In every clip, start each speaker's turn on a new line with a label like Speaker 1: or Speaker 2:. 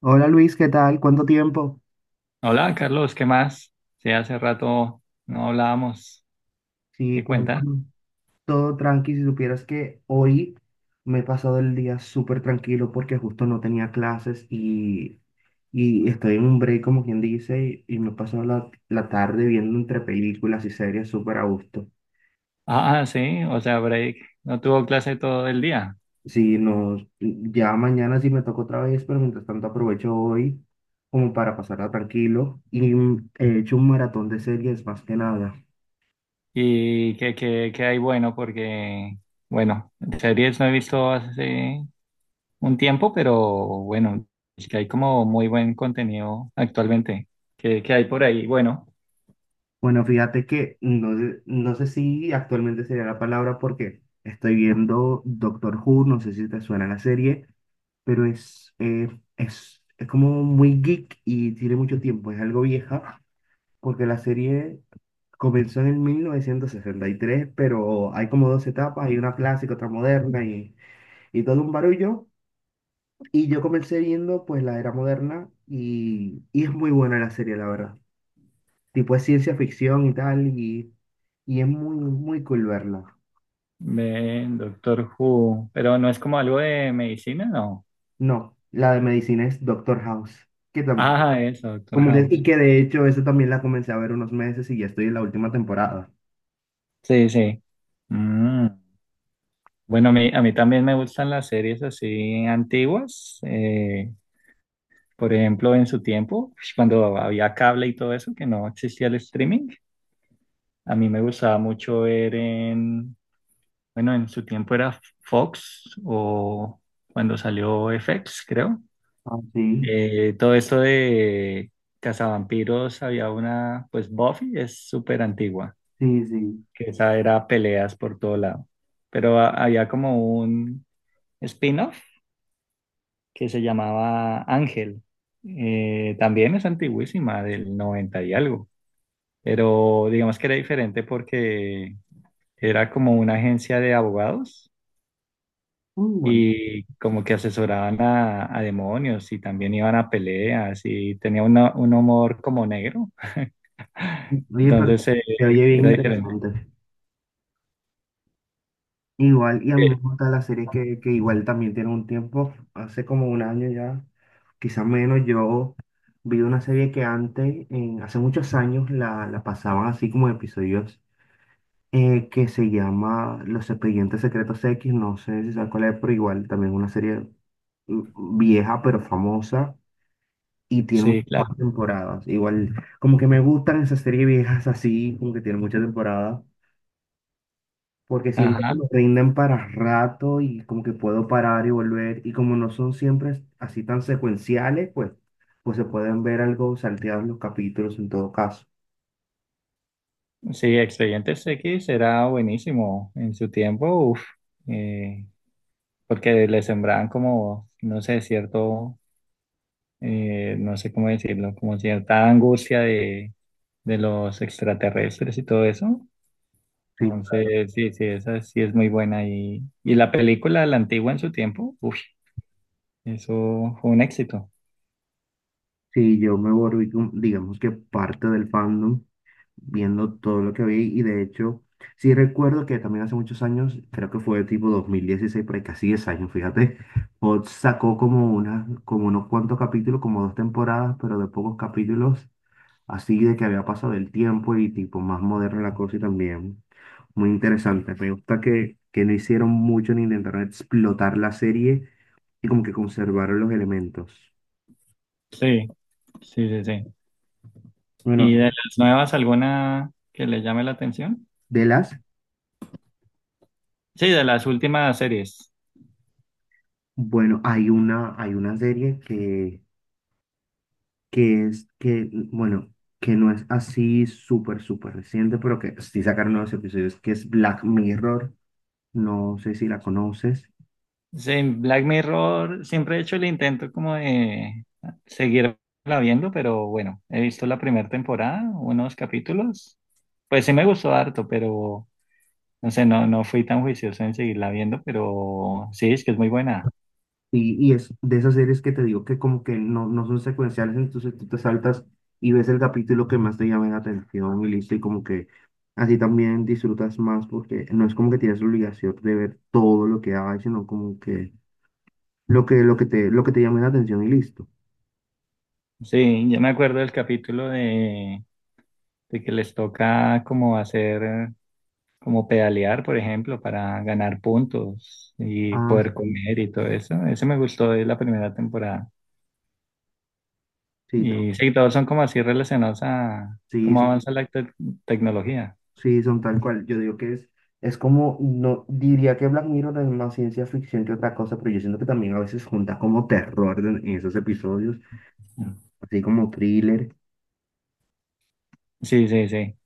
Speaker 1: Hola Luis, ¿qué tal? ¿Cuánto tiempo?
Speaker 2: Hola, Carlos, ¿qué más? Sí, hace rato no hablábamos.
Speaker 1: Sí,
Speaker 2: ¿Qué cuenta?
Speaker 1: cuéntame. Todo tranqui, si supieras que hoy me he pasado el día súper tranquilo porque justo no tenía clases y estoy en un break, como quien dice, y me he pasado la tarde viendo entre películas y series súper a gusto.
Speaker 2: Ah, sí, o sea, break. No tuvo clase todo el día.
Speaker 1: Sí, no, ya mañana sí me toca otra vez, pero mientras tanto aprovecho hoy como para pasarla tranquilo y he hecho un maratón de series más que nada.
Speaker 2: ¿Y qué hay bueno? Porque, bueno, series no he visto hace un tiempo, pero bueno, es que hay como muy buen contenido actualmente. ¿Qué hay por ahí? Bueno,
Speaker 1: Bueno, fíjate que no sé si actualmente sería la palabra porque estoy viendo Doctor Who, no sé si te suena la serie, pero es como muy geek y tiene mucho tiempo, es algo vieja, porque la serie comenzó en el 1963, pero hay como dos etapas, hay una clásica, otra moderna y todo un barullo. Y yo comencé viendo pues la era moderna y es muy buena la serie, la verdad tipo es ciencia ficción y tal, y es muy, muy cool verla.
Speaker 2: ve Doctor Who, pero no es como algo de medicina, ¿no?
Speaker 1: No, la de medicina es Doctor House, que
Speaker 2: Ah, eso, Doctor
Speaker 1: como que, y
Speaker 2: House.
Speaker 1: que de hecho eso también la comencé a ver unos meses y ya estoy en la última temporada.
Speaker 2: Sí, sí. Mm. Bueno, a mí también me gustan las series así antiguas. Por ejemplo, en su tiempo, cuando había cable y todo eso, que no existía el streaming, a mí me gustaba mucho ver bueno, en su tiempo era Fox o cuando salió FX, creo.
Speaker 1: Ah, sí,
Speaker 2: Todo esto de Cazavampiros, había una, pues Buffy es súper antigua,
Speaker 1: sí, sí.
Speaker 2: que esa era peleas por todo lado. Pero había como un spin-off que se llamaba Ángel. También es antiguísima, del 90 y algo, pero digamos que era diferente porque era como una agencia de abogados
Speaker 1: Muy bueno.
Speaker 2: y como que asesoraban a demonios y también iban a peleas y tenía un humor como negro,
Speaker 1: Oye, pero
Speaker 2: entonces
Speaker 1: se oye bien
Speaker 2: era diferente.
Speaker 1: interesante. Igual, y a mí me
Speaker 2: Sí,
Speaker 1: gusta la serie que igual también tiene un tiempo, hace como un año ya, quizás menos. Yo vi una serie que antes, hace muchos años, la pasaban así como episodios, que se llama Los Expedientes Secretos X, no sé si sabes cuál es, pero igual también es una serie vieja pero famosa y tiene
Speaker 2: sí, claro.
Speaker 1: muchas temporadas. Igual, como que me gustan esas series viejas así, como que tienen muchas temporadas, porque siento que
Speaker 2: Ajá.
Speaker 1: me rinden para rato y como que puedo parar y volver y como no son siempre así tan secuenciales, pues se pueden ver algo salteados los capítulos en todo caso.
Speaker 2: Sí, Expedientes X era buenísimo en su tiempo. Uf, eh, porque le sembraban como, no sé, cierto, no sé cómo decirlo, como cierta angustia de los extraterrestres y todo eso.
Speaker 1: Sí, claro.
Speaker 2: Entonces, sí, sí, esa sí es muy buena. Y la película, la antigua en su tiempo, uff, eso fue un éxito.
Speaker 1: Sí, yo me volví, digamos que parte del fandom, viendo todo lo que vi. Y de hecho, sí recuerdo que también hace muchos años, creo que fue tipo 2016, por ahí casi 10 años, fíjate, Fox sacó como una, como unos cuantos capítulos, como 2 temporadas, pero de pocos capítulos, así de que había pasado el tiempo y tipo más moderna la cosa, y también muy interesante. Me gusta que no hicieron mucho ni intentaron explotar la serie y como que conservaron los elementos.
Speaker 2: Sí, sí, sí, sí.
Speaker 1: Bueno,
Speaker 2: ¿Y de las nuevas alguna que le llame la atención?
Speaker 1: de las,
Speaker 2: Sí, de las últimas series.
Speaker 1: bueno, hay una, serie que es que, bueno, que no es así súper, súper reciente, pero que sí sacaron nuevos episodios, que es Black Mirror, no sé si la conoces,
Speaker 2: Sí, en Black Mirror siempre he hecho el intento como de seguirla viendo, pero bueno, he visto la primera temporada, unos capítulos. Pues sí me gustó harto, pero no sé, no, no fui tan juicioso en seguirla viendo, pero sí, es que es muy buena.
Speaker 1: y es de esas series que te digo que como que no son secuenciales, entonces tú te saltas y ves el capítulo que más te llama la atención y listo, y como que así también disfrutas más, porque no es como que tienes la obligación de ver todo lo que hay, sino como que lo que, lo que te llame la atención y listo.
Speaker 2: Sí, yo me acuerdo del capítulo de que les toca como hacer, como pedalear, por ejemplo, para ganar puntos y
Speaker 1: Ah,
Speaker 2: poder
Speaker 1: sí,
Speaker 2: comer y todo eso. Ese me gustó de la primera temporada.
Speaker 1: sí,
Speaker 2: Y sí, todos son como así relacionados a
Speaker 1: sí,
Speaker 2: cómo
Speaker 1: sí.
Speaker 2: avanza la tecnología.
Speaker 1: Sí, son tal cual. Yo digo que es como, no, diría que Black Mirror es más ciencia ficción que otra cosa, pero yo siento que también a veces junta como terror en esos episodios, así como thriller.
Speaker 2: Sí, sí, sí.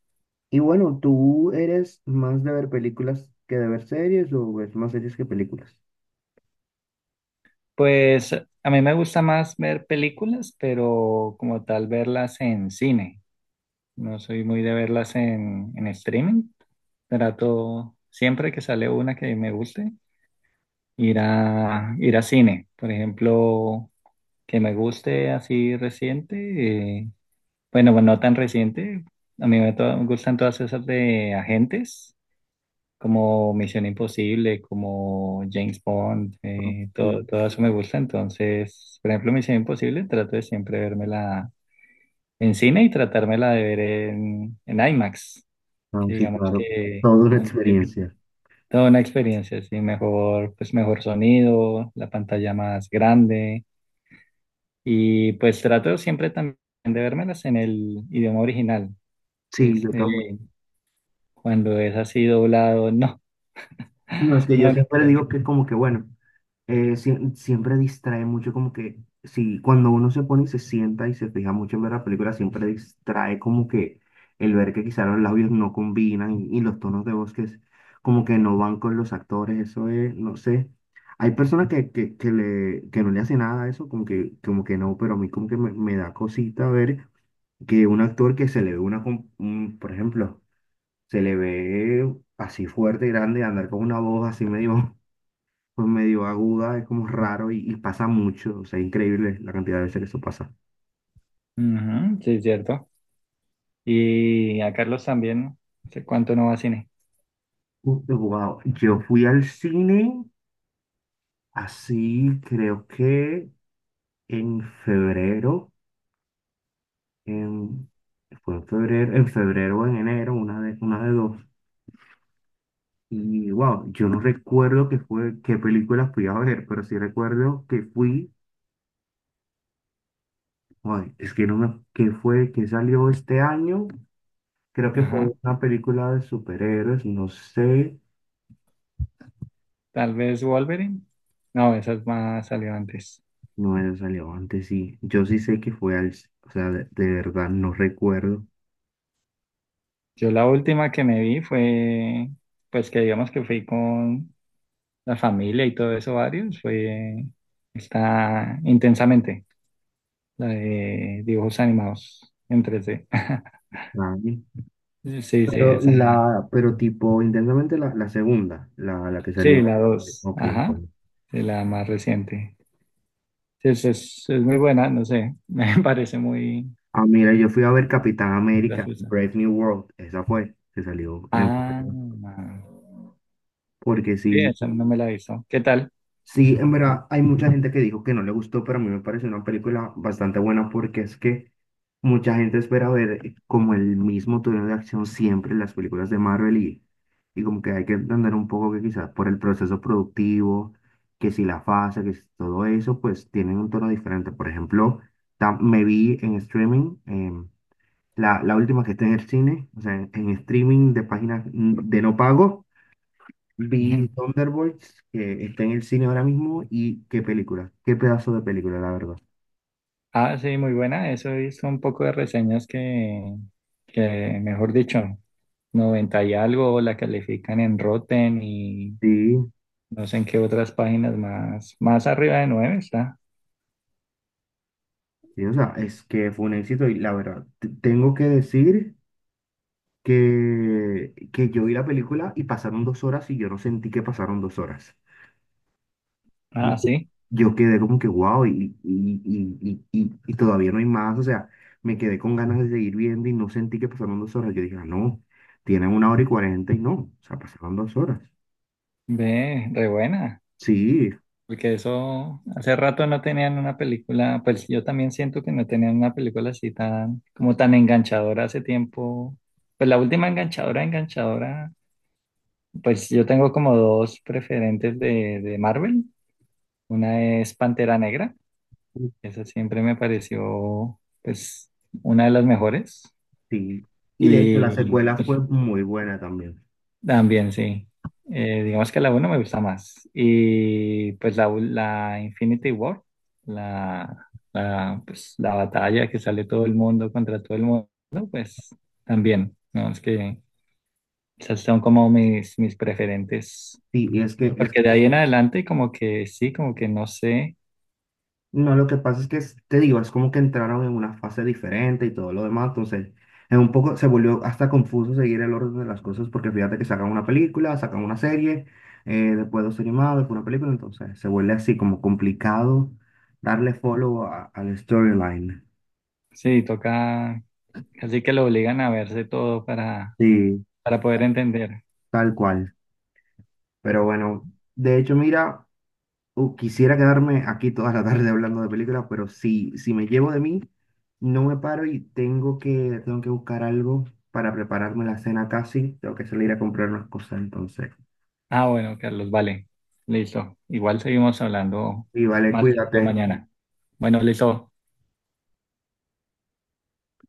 Speaker 1: Y bueno, ¿tú eres más de ver películas que de ver series o ves más series que películas?
Speaker 2: Pues a mí me gusta más ver películas, pero como tal verlas en cine. No soy muy de verlas en streaming. Trato siempre que sale una que me guste, ir a cine. Por ejemplo, que me guste así reciente. eh, bueno, bueno, no tan reciente. A mí me, me gustan todas esas de agentes. Como Misión Imposible, como James Bond,
Speaker 1: Ah,
Speaker 2: todo,
Speaker 1: sí,
Speaker 2: todo eso me gusta. Entonces, por ejemplo, Misión Imposible, trato de siempre vérmela en cine y tratármela de ver en IMAX,
Speaker 1: ah,
Speaker 2: que
Speaker 1: sí,
Speaker 2: digamos
Speaker 1: claro.
Speaker 2: que
Speaker 1: Todo es una
Speaker 2: tiene
Speaker 1: experiencia.
Speaker 2: toda una experiencia, sí, mejor, pues mejor sonido, la pantalla más grande y pues trato siempre también de vérmelas en el idioma original.
Speaker 1: Sí, yo
Speaker 2: Este,
Speaker 1: también.
Speaker 2: cuando es así doblado, no,
Speaker 1: No, es que
Speaker 2: no,
Speaker 1: yo
Speaker 2: no
Speaker 1: siempre
Speaker 2: puedo.
Speaker 1: digo que como que bueno. Siempre distrae mucho, como que si cuando uno se pone y se sienta y se fija mucho en ver la película, siempre distrae como que el ver que quizá los labios no combinan y los tonos de voz como que no van con los actores, eso es, no sé. Hay personas que no le hace nada a eso, como que no, pero a mí como que me da cosita ver que un actor que se le ve por ejemplo, se le ve así fuerte, grande, andar con una voz así medio por medio aguda, es como raro y pasa mucho, o sea, increíble la cantidad de veces que eso pasa.
Speaker 2: Ujú, sí, es cierto. Y a Carlos también, hace cuánto no va a cine.
Speaker 1: Wow, yo fui al cine, así creo que en febrero, en, fue en febrero o en enero, una de dos. Y wow, yo no recuerdo qué fue, qué película fui a ver, pero sí recuerdo que fui, ay, es que no me, qué fue, que salió este año, creo que fue
Speaker 2: Ajá.
Speaker 1: una película de superhéroes, no sé.
Speaker 2: Tal vez Wolverine. No, esa es más salió antes.
Speaker 1: No es relevante, sí. Yo sí sé que fue al, o sea, de verdad no recuerdo
Speaker 2: Yo la última que me vi fue, pues que digamos que fui con la familia y todo eso, varios, fue está intensamente, la de dibujos animados en 3D.
Speaker 1: la año,
Speaker 2: Sí, sí,
Speaker 1: pero
Speaker 2: esa.
Speaker 1: pero tipo, intensamente la segunda, la que
Speaker 2: Sí,
Speaker 1: salió.
Speaker 2: la dos.
Speaker 1: Ok,
Speaker 2: Ajá.
Speaker 1: bueno.
Speaker 2: Sí, la más reciente. Sí, es muy buena, no sé. Me parece muy
Speaker 1: Ah, mira, yo fui a ver Capitán América,
Speaker 2: graciosa.
Speaker 1: Brave New World, esa fue, que salió en
Speaker 2: Ah,
Speaker 1: febrero. Porque
Speaker 2: oye,
Speaker 1: sí,
Speaker 2: esa no me la avisó. ¿Qué tal?
Speaker 1: sí, en verdad, hay mucha gente que dijo que no le gustó, pero a mí me pareció una película bastante buena, porque es que mucha gente espera ver como el mismo tono de acción siempre en las películas de Marvel, y como que hay que entender un poco que quizás por el proceso productivo, que si la fase, que si todo eso, pues tienen un tono diferente. Por ejemplo, me vi en streaming, la última que está en el cine, o sea, en streaming de páginas, de no pago. Vi Thunderbolts, que está en el cine ahora mismo, y qué película, qué pedazo de película, la verdad.
Speaker 2: Ah, sí, muy buena. Eso hizo un poco de reseñas que, mejor dicho, 90 y algo la califican en Rotten y
Speaker 1: Sí,
Speaker 2: no sé en qué otras páginas más, más arriba de 9 está.
Speaker 1: sí, o sea, es que fue un éxito y la verdad, tengo que decir que yo vi la película y pasaron 2 horas y yo no sentí que pasaron 2 horas. Y
Speaker 2: Ah, sí,
Speaker 1: Yo quedé como que wow y todavía no hay más, o sea, me quedé con ganas de seguir viendo y no sentí que pasaron dos horas. Yo dije, ah, no, tienen 1 hora y 40 y no, o sea, pasaron 2 horas.
Speaker 2: ve, re buena.
Speaker 1: Sí.
Speaker 2: Porque eso hace rato no tenían una película, pues yo también siento que no tenían una película así tan, como tan enganchadora hace tiempo. Pues la última enganchadora, enganchadora pues yo tengo como dos preferentes de Marvel. Una es Pantera Negra. Esa siempre me pareció, pues, una de las mejores.
Speaker 1: Sí, y de hecho la
Speaker 2: Y
Speaker 1: secuela fue
Speaker 2: pues,
Speaker 1: muy buena también.
Speaker 2: también, sí. Digamos que la uno me gusta más. Y pues la Infinity War, pues, la batalla que sale todo el mundo contra todo el mundo, pues también. No, es que esas son como mis preferentes.
Speaker 1: Sí, y es que es,
Speaker 2: Porque de ahí en adelante como que sí, como que no sé,
Speaker 1: no, lo que pasa es que te digo, es como que entraron en una fase diferente y todo lo demás, entonces es un poco se volvió hasta confuso seguir el orden de las cosas, porque fíjate que sacan una película, sacan una serie, después 2 animados, después una película, entonces se vuelve así como complicado darle follow al storyline.
Speaker 2: sí, toca, así que lo obligan a verse todo para,
Speaker 1: Sí,
Speaker 2: poder entender.
Speaker 1: tal cual. Pero bueno, de hecho, mira. Quisiera quedarme aquí toda la tarde hablando de películas, pero si me llevo de mí, no me paro y tengo que buscar algo para prepararme la cena casi. Tengo que salir a comprar unas cosas entonces.
Speaker 2: Ah, bueno, Carlos, vale, listo. Igual seguimos hablando
Speaker 1: Y vale,
Speaker 2: más tarde
Speaker 1: cuídate.
Speaker 2: mañana. Bueno, listo.